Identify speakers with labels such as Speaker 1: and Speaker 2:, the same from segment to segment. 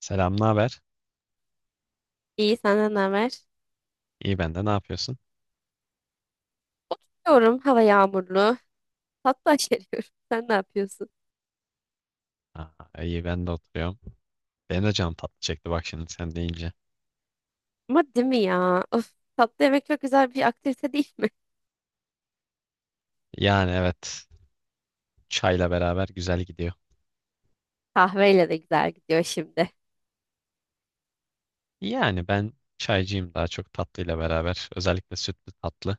Speaker 1: Selam, ne haber?
Speaker 2: İyi, senden ne haber?
Speaker 1: İyi ben de, ne yapıyorsun?
Speaker 2: Oturuyorum, hava yağmurlu. Tatlı aşeriyorum. Sen ne yapıyorsun?
Speaker 1: İyi ben de oturuyorum. Benim de canım tatlı çekti, bak şimdi sen deyince.
Speaker 2: Ama değil mi ya? Of, tatlı yemek çok güzel bir aktivite değil mi?
Speaker 1: Yani evet, çayla beraber güzel gidiyor.
Speaker 2: Kahveyle de güzel gidiyor şimdi.
Speaker 1: Yani ben çaycıyım daha çok tatlıyla beraber. Özellikle sütlü tatlı.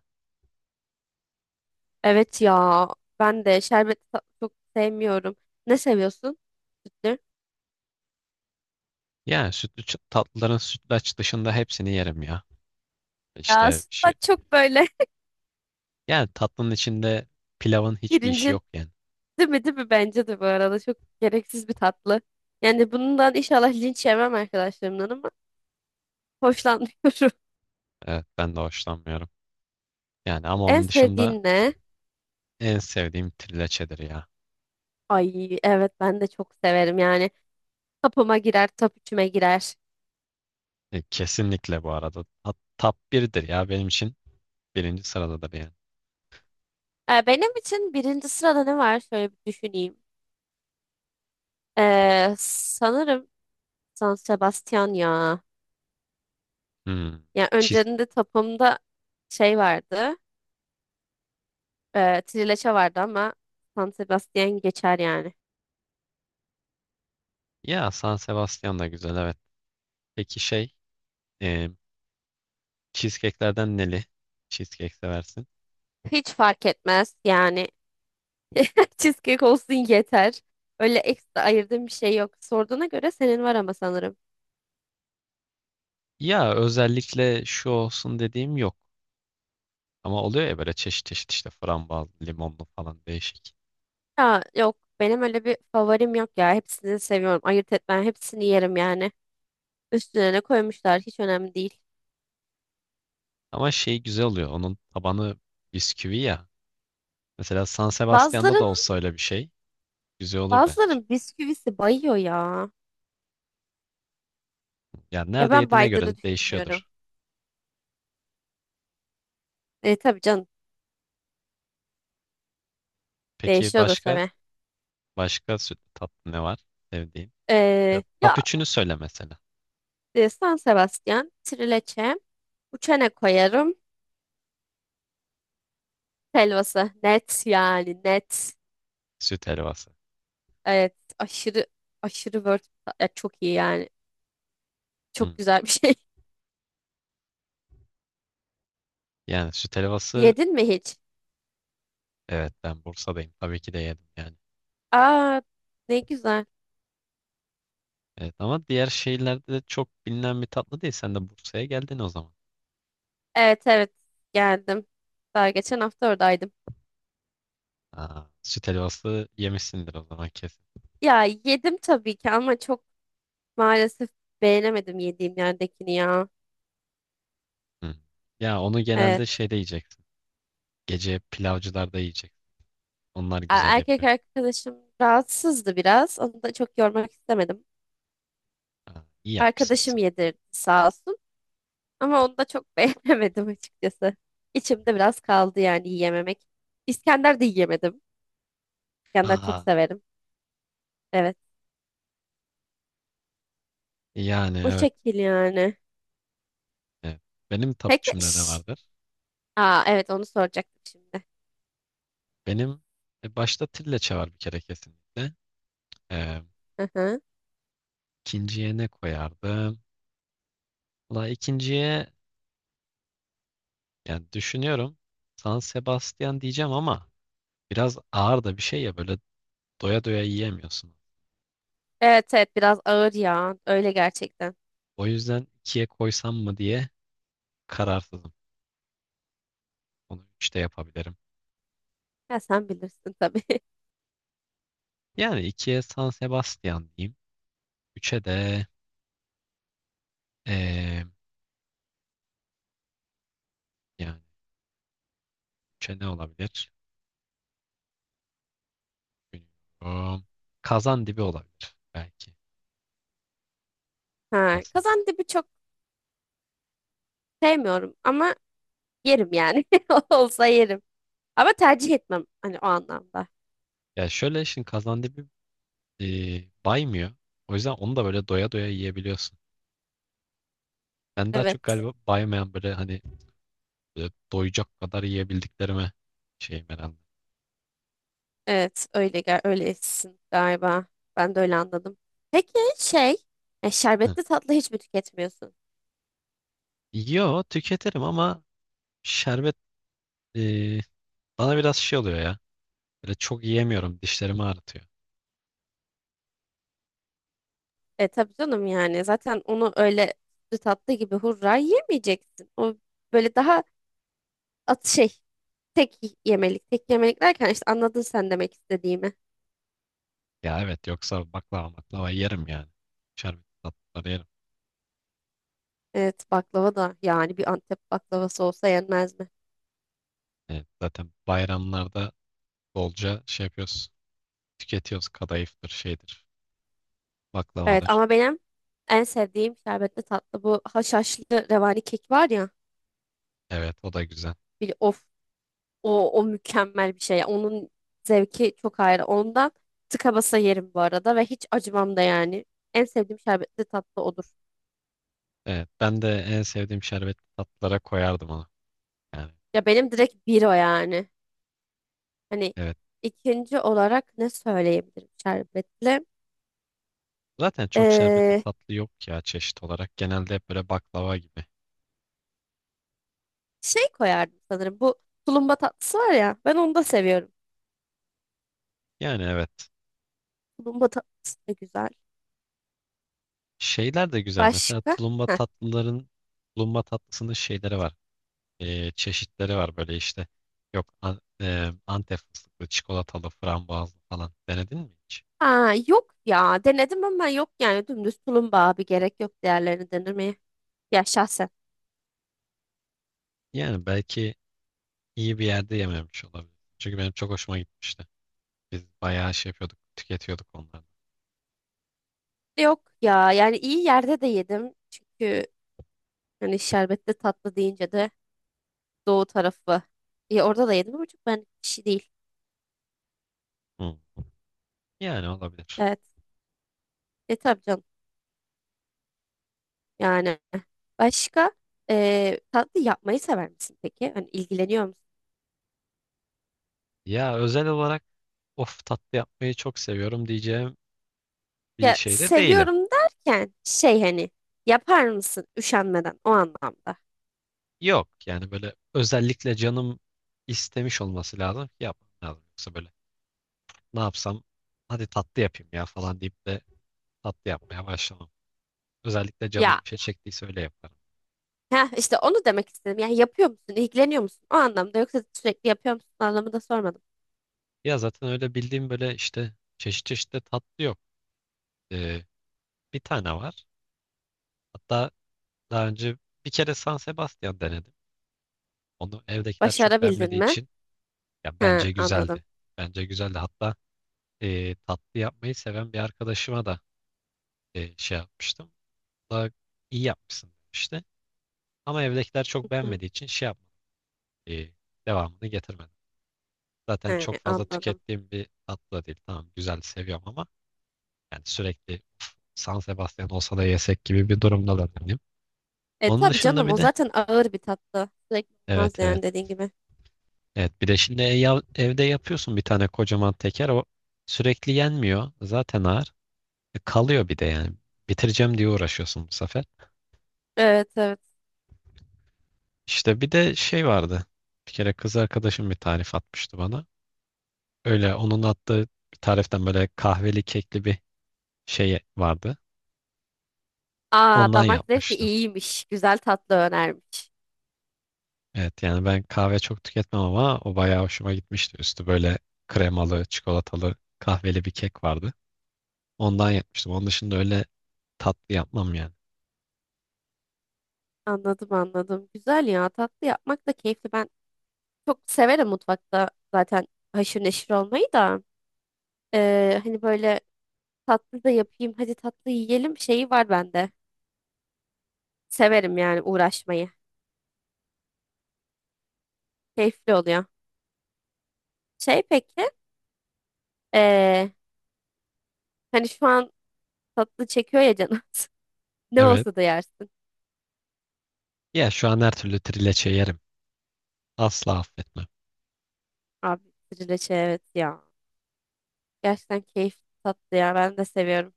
Speaker 2: Evet ya, ben de şerbetli tatlı çok sevmiyorum. Ne seviyorsun? Sütlü.
Speaker 1: Yani tatlıların sütlaç dışında hepsini yerim ya.
Speaker 2: Ya
Speaker 1: İşte şu,
Speaker 2: sütlaç çok böyle
Speaker 1: yani tatlının içinde pilavın hiçbir işi
Speaker 2: pirincin,
Speaker 1: yok yani.
Speaker 2: değil mi, bence de bu arada çok gereksiz bir tatlı. Yani bundan inşallah linç yemem arkadaşlarımdan ama hoşlanmıyorum.
Speaker 1: Evet ben de hoşlanmıyorum. Yani ama
Speaker 2: En
Speaker 1: onun dışında
Speaker 2: sevdiğin ne?
Speaker 1: en sevdiğim trileçedir ya.
Speaker 2: Ay evet ben de çok severim yani. Tapıma girer, top üçüme girer.
Speaker 1: Kesinlikle bu arada. Top 1'dir ya benim için. Birinci sırada da beğen.
Speaker 2: Benim için birinci sırada ne var? Şöyle bir düşüneyim. Sanırım San Sebastian ya.
Speaker 1: Hmm.
Speaker 2: Yani
Speaker 1: Cheese.
Speaker 2: önceden tapımda şey vardı. E, trileçe vardı ama San Sebastian geçer yani.
Speaker 1: Ya San Sebastian da güzel, evet. Peki şey, e, cheesecake'lerden neli cheesecake seversin?
Speaker 2: Hiç fark etmez yani. Cheesecake olsun yeter. Öyle ekstra ayırdığım bir şey yok. Sorduğuna göre senin var ama sanırım.
Speaker 1: Ya özellikle şu olsun dediğim yok. Ama oluyor ya, böyle çeşit çeşit işte frambuaz, limonlu falan, değişik.
Speaker 2: Ya yok benim öyle bir favorim yok ya. Hepsini seviyorum. Ayırt etmem. Hepsini yerim yani. Üstüne ne koymuşlar hiç önemli değil.
Speaker 1: Ama şey güzel oluyor. Onun tabanı bisküvi ya. Mesela San Sebastian'da da
Speaker 2: Bazıların
Speaker 1: olsa öyle bir şey güzel olur bence.
Speaker 2: bazıların bisküvisi bayıyor ya.
Speaker 1: Yani
Speaker 2: Ya
Speaker 1: nerede
Speaker 2: ben
Speaker 1: yediğine göre
Speaker 2: baydığını
Speaker 1: de
Speaker 2: düşünüyorum.
Speaker 1: değişiyordur.
Speaker 2: E tabii canım,
Speaker 1: Peki
Speaker 2: değişiyordur
Speaker 1: başka
Speaker 2: tabii.
Speaker 1: başka sütlü tatlı ne var sevdiğin? Ya,
Speaker 2: Ee,
Speaker 1: top
Speaker 2: ya
Speaker 1: üçünü söyle mesela.
Speaker 2: San Sebastian, trileçe, uçene koyarım. Helvası net yani net.
Speaker 1: Süt helvası.
Speaker 2: Evet, aşırı aşırı word ya, çok iyi yani.
Speaker 1: Hmm.
Speaker 2: Çok güzel bir şey.
Speaker 1: Yani süt helvası,
Speaker 2: Yedin mi hiç?
Speaker 1: evet, ben Bursa'dayım. Tabii ki de yedim yani.
Speaker 2: Aa, ne güzel.
Speaker 1: Evet ama diğer şehirlerde de çok bilinen bir tatlı değil. Sen de Bursa'ya geldin o zaman.
Speaker 2: Evet evet, geldim. Daha geçen hafta oradaydım.
Speaker 1: Süt helvası yemişsindir o zaman kesin.
Speaker 2: Ya yedim tabii ki ama çok, maalesef beğenemedim yediğim yerdekini ya.
Speaker 1: Hmm. Ya onu
Speaker 2: Evet.
Speaker 1: genelde şeyde yiyeceksin. Gece pilavcılarda yiyeceksin. Onlar güzel
Speaker 2: Erkek
Speaker 1: yapıyor.
Speaker 2: arkadaşım rahatsızdı biraz. Onu da çok yormak istemedim.
Speaker 1: İyi yapmışsın o
Speaker 2: Arkadaşım
Speaker 1: zaman.
Speaker 2: yedirdi sağ olsun. Ama onu da çok beğenemedim açıkçası. İçimde biraz kaldı yani yiyememek. İskender de yiyemedim. İskender çok
Speaker 1: Aa,
Speaker 2: severim. Evet.
Speaker 1: yani
Speaker 2: O
Speaker 1: evet.
Speaker 2: şekil yani.
Speaker 1: Evet. Benim
Speaker 2: Peki.
Speaker 1: tapuçumda ne
Speaker 2: Şş.
Speaker 1: vardır?
Speaker 2: Aa, evet onu soracaktım şimdi.
Speaker 1: Benim, başta trileçe var bir kere kesinlikle. Ee,
Speaker 2: Hı hı.
Speaker 1: ikinciye ne koyardım? Valla ikinciye, yani düşünüyorum, San Sebastian diyeceğim ama biraz ağır da bir şey ya, böyle doya doya yiyemiyorsun.
Speaker 2: Evet evet, biraz ağır ya. Öyle gerçekten.
Speaker 1: O yüzden ikiye koysam mı diye kararsızım. Onu üçte yapabilirim.
Speaker 2: Ya sen bilirsin tabii.
Speaker 1: Yani ikiye San Sebastian diyeyim. Üçe de eee, yani üçe ne olabilir? Bilmiyorum. Kazandibi olabilir belki.
Speaker 2: Ha,
Speaker 1: Basarım.
Speaker 2: kazandibi çok sevmiyorum ama yerim yani. Olsa yerim. Ama tercih etmem hani o anlamda.
Speaker 1: Ya şöyle şimdi Kazandibi baymıyor. O yüzden onu da böyle doya doya yiyebiliyorsun. Ben daha çok
Speaker 2: Evet.
Speaker 1: galiba baymayan, böyle hani, böyle doyacak kadar yiyebildiklerime şeyim herhalde.
Speaker 2: Evet, öyle gel öylesin galiba. Ben de öyle anladım. Peki şey,
Speaker 1: Hı.
Speaker 2: şerbetli tatlı hiç mi tüketmiyorsun?
Speaker 1: Yo, tüketirim ama şerbet, e, bana biraz şey oluyor ya. Böyle çok yiyemiyorum. Dişlerimi ağrıtıyor.
Speaker 2: E tabii canım yani. Zaten onu öyle sütlü tatlı gibi hurra yemeyeceksin. O böyle daha at şey, tek yemelik. Tek yemelik derken işte anladın sen demek istediğimi.
Speaker 1: Ya evet, yoksa baklava baklava yerim yani. Şerbet tatlıları yerim.
Speaker 2: Evet, baklava da yani bir Antep baklavası olsa yenmez mi?
Speaker 1: Evet, zaten bayramlarda bolca şey yapıyoruz. Tüketiyoruz. Kadayıftır şeydir.
Speaker 2: Evet
Speaker 1: Baklavadır.
Speaker 2: ama benim en sevdiğim şerbetli tatlı bu haşhaşlı revani kek var ya.
Speaker 1: Evet o da güzel.
Speaker 2: Bir of, o, o mükemmel bir şey. Onun zevki çok ayrı. Ondan tıka basa yerim bu arada ve hiç acımam da yani. En sevdiğim şerbetli tatlı odur.
Speaker 1: Evet, ben de en sevdiğim şerbetli tatlılara koyardım onu. Yani
Speaker 2: Ya benim direkt bir o yani. Hani
Speaker 1: evet.
Speaker 2: ikinci olarak ne söyleyebilirim şerbetli?
Speaker 1: Zaten çok şerbetli
Speaker 2: Ee,
Speaker 1: tatlı yok ya çeşit olarak. Genelde hep böyle baklava gibi.
Speaker 2: Şey koyardım sanırım. Bu tulumba tatlısı var ya. Ben onu da seviyorum.
Speaker 1: Yani evet.
Speaker 2: Tulumba tatlısı da güzel.
Speaker 1: Şeyler de güzel. Mesela
Speaker 2: Başka?
Speaker 1: tulumba
Speaker 2: Heh.
Speaker 1: tatlıların, tulumba tatlısının şeyleri var. Çeşitleri var böyle işte. Yok an, Antep fıstıklı, çikolatalı, frambuazlı falan. Denedin mi hiç?
Speaker 2: Ha, yok ya denedim ama yok yani dümdüz tulumba abi, gerek yok değerlerini denemeye. Ya şahsen.
Speaker 1: Yani belki iyi bir yerde yememiş olabilir. Çünkü benim çok hoşuma gitmişti. Biz bayağı şey yapıyorduk, tüketiyorduk onları.
Speaker 2: Yok ya, yani iyi yerde de yedim. Çünkü hani şerbetli tatlı deyince de doğu tarafı. Ya orada da yedim ama çok ben kişi değil.
Speaker 1: Hı. Yani olabilir.
Speaker 2: Evet. E tabii canım. Yani başka, tatlı yapmayı sever misin peki? Hani ilgileniyor musun?
Speaker 1: Ya özel olarak of tatlı yapmayı çok seviyorum diyeceğim bir
Speaker 2: Ya
Speaker 1: şey de değilim.
Speaker 2: seviyorum derken şey hani, yapar mısın üşenmeden, o anlamda.
Speaker 1: Yok yani, böyle özellikle canım istemiş olması lazım ki yapmam lazım. Yoksa böyle ne yapsam, hadi tatlı yapayım ya falan deyip de tatlı yapmaya başlamam. Özellikle
Speaker 2: Ya,
Speaker 1: canım bir şey çektiyse öyle yaparım.
Speaker 2: ha işte onu demek istedim. Yani yapıyor musun? İlgileniyor musun? O anlamda, yoksa sürekli yapıyor musun anlamında sormadım.
Speaker 1: Ya zaten öyle bildiğim böyle işte çeşit çeşit de tatlı yok. Ee, bir tane var. Hatta daha önce bir kere San Sebastian denedim. Onu evdekiler çok
Speaker 2: Başarabildin
Speaker 1: beğenmediği
Speaker 2: mi?
Speaker 1: için, ya
Speaker 2: Ha
Speaker 1: bence
Speaker 2: anladım.
Speaker 1: güzeldi. Bence güzeldi. Hatta tatlı yapmayı seven bir arkadaşıma da şey yapmıştım. O da iyi yapmışsın demişti. Ama evdekiler çok
Speaker 2: Hı.
Speaker 1: beğenmediği için şey yapmadım. E, devamını getirmedim. Zaten çok
Speaker 2: He,
Speaker 1: fazla
Speaker 2: anladım.
Speaker 1: tükettiğim bir tatlı da değil. Tamam güzel seviyorum ama yani sürekli "Of, San Sebastian olsa da yesek" gibi bir durumda da değilim.
Speaker 2: E
Speaker 1: Onun
Speaker 2: tabii
Speaker 1: dışında
Speaker 2: canım, o
Speaker 1: bir de,
Speaker 2: zaten ağır bir tatlı. Sürekli olmaz
Speaker 1: evet evet.
Speaker 2: yani dediğin gibi.
Speaker 1: Evet bir de şimdi evde yapıyorsun bir tane kocaman teker, o sürekli yenmiyor. Zaten ağır. Kalıyor bir de yani. Bitireceğim diye uğraşıyorsun bu sefer.
Speaker 2: Evet evet.
Speaker 1: İşte bir de şey vardı. Bir kere kız arkadaşım bir tarif atmıştı bana. Öyle onun attığı bir tariften böyle kahveli kekli bir şey vardı.
Speaker 2: Aa,
Speaker 1: Ondan
Speaker 2: damak zevki
Speaker 1: yapmıştım.
Speaker 2: iyiymiş. Güzel tatlı önermiş.
Speaker 1: Evet yani ben kahve çok tüketmem ama o bayağı hoşuma gitmişti. Üstü böyle kremalı, çikolatalı, kahveli bir kek vardı. Ondan yapmıştım. Onun dışında öyle tatlı yapmam yani.
Speaker 2: Anladım anladım. Güzel ya, tatlı yapmak da keyifli. Ben çok severim mutfakta zaten haşır neşir olmayı da. Hani böyle tatlı da yapayım, hadi tatlı yiyelim şeyi var bende. Severim yani uğraşmayı. Keyifli oluyor. Şey peki, eee, hani şu an tatlı çekiyor ya canım. Ne
Speaker 1: Evet.
Speaker 2: olsa da yersin.
Speaker 1: Ya şu an her türlü trileçe yerim. Asla affetmem.
Speaker 2: Abi, trileçe evet ya. Gerçekten keyifli tatlı ya. Ben de seviyorum.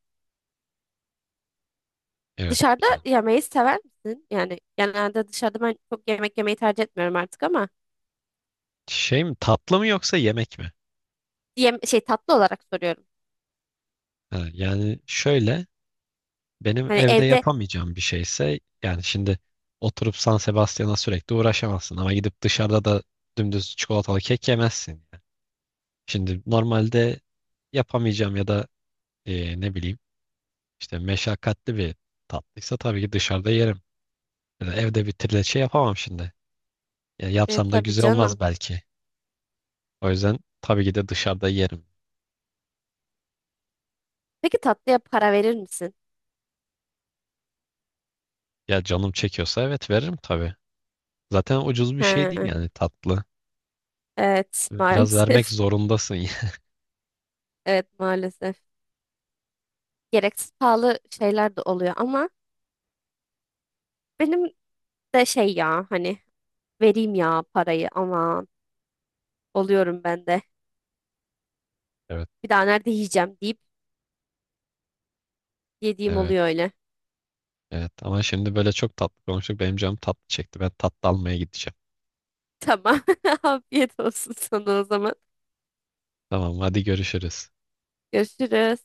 Speaker 1: Evet.
Speaker 2: Dışarıda
Speaker 1: Yani.
Speaker 2: yemeği sever misin? Yani genelde dışarıda ben çok yemek yemeyi tercih etmiyorum artık ama
Speaker 1: Şey mi, tatlı mı yoksa yemek mi?
Speaker 2: yem şey, tatlı olarak soruyorum.
Speaker 1: Ha, yani şöyle, benim
Speaker 2: Hani
Speaker 1: evde
Speaker 2: evde,
Speaker 1: yapamayacağım bir şeyse, yani şimdi oturup San Sebastian'a sürekli uğraşamazsın ama gidip dışarıda da dümdüz çikolatalı kek yemezsin. Yani. Şimdi normalde yapamayacağım ya da ne bileyim işte meşakkatli bir tatlıysa tabii ki dışarıda yerim. Yani evde bir trileçe yapamam şimdi. Ya
Speaker 2: e,
Speaker 1: yapsam da
Speaker 2: tabii
Speaker 1: güzel olmaz
Speaker 2: canım.
Speaker 1: belki. O yüzden tabii ki de dışarıda yerim.
Speaker 2: Peki tatlıya para verir misin?
Speaker 1: Ya canım çekiyorsa evet, veririm tabii. Zaten ucuz bir şey değil
Speaker 2: Ha,
Speaker 1: yani tatlı.
Speaker 2: evet
Speaker 1: Biraz vermek
Speaker 2: maalesef.
Speaker 1: zorundasın.
Speaker 2: Evet maalesef. Gereksiz pahalı şeyler de oluyor ama benim de şey ya, hani vereyim ya parayı aman oluyorum ben de.
Speaker 1: Evet,
Speaker 2: Bir daha nerede yiyeceğim deyip yediğim
Speaker 1: evet.
Speaker 2: oluyor öyle.
Speaker 1: Evet ama şimdi böyle çok tatlı konuştuk. Benim canım tatlı çekti. Ben tatlı almaya gideceğim.
Speaker 2: Tamam. Afiyet olsun sana o zaman.
Speaker 1: Tamam hadi görüşürüz.
Speaker 2: Görüşürüz.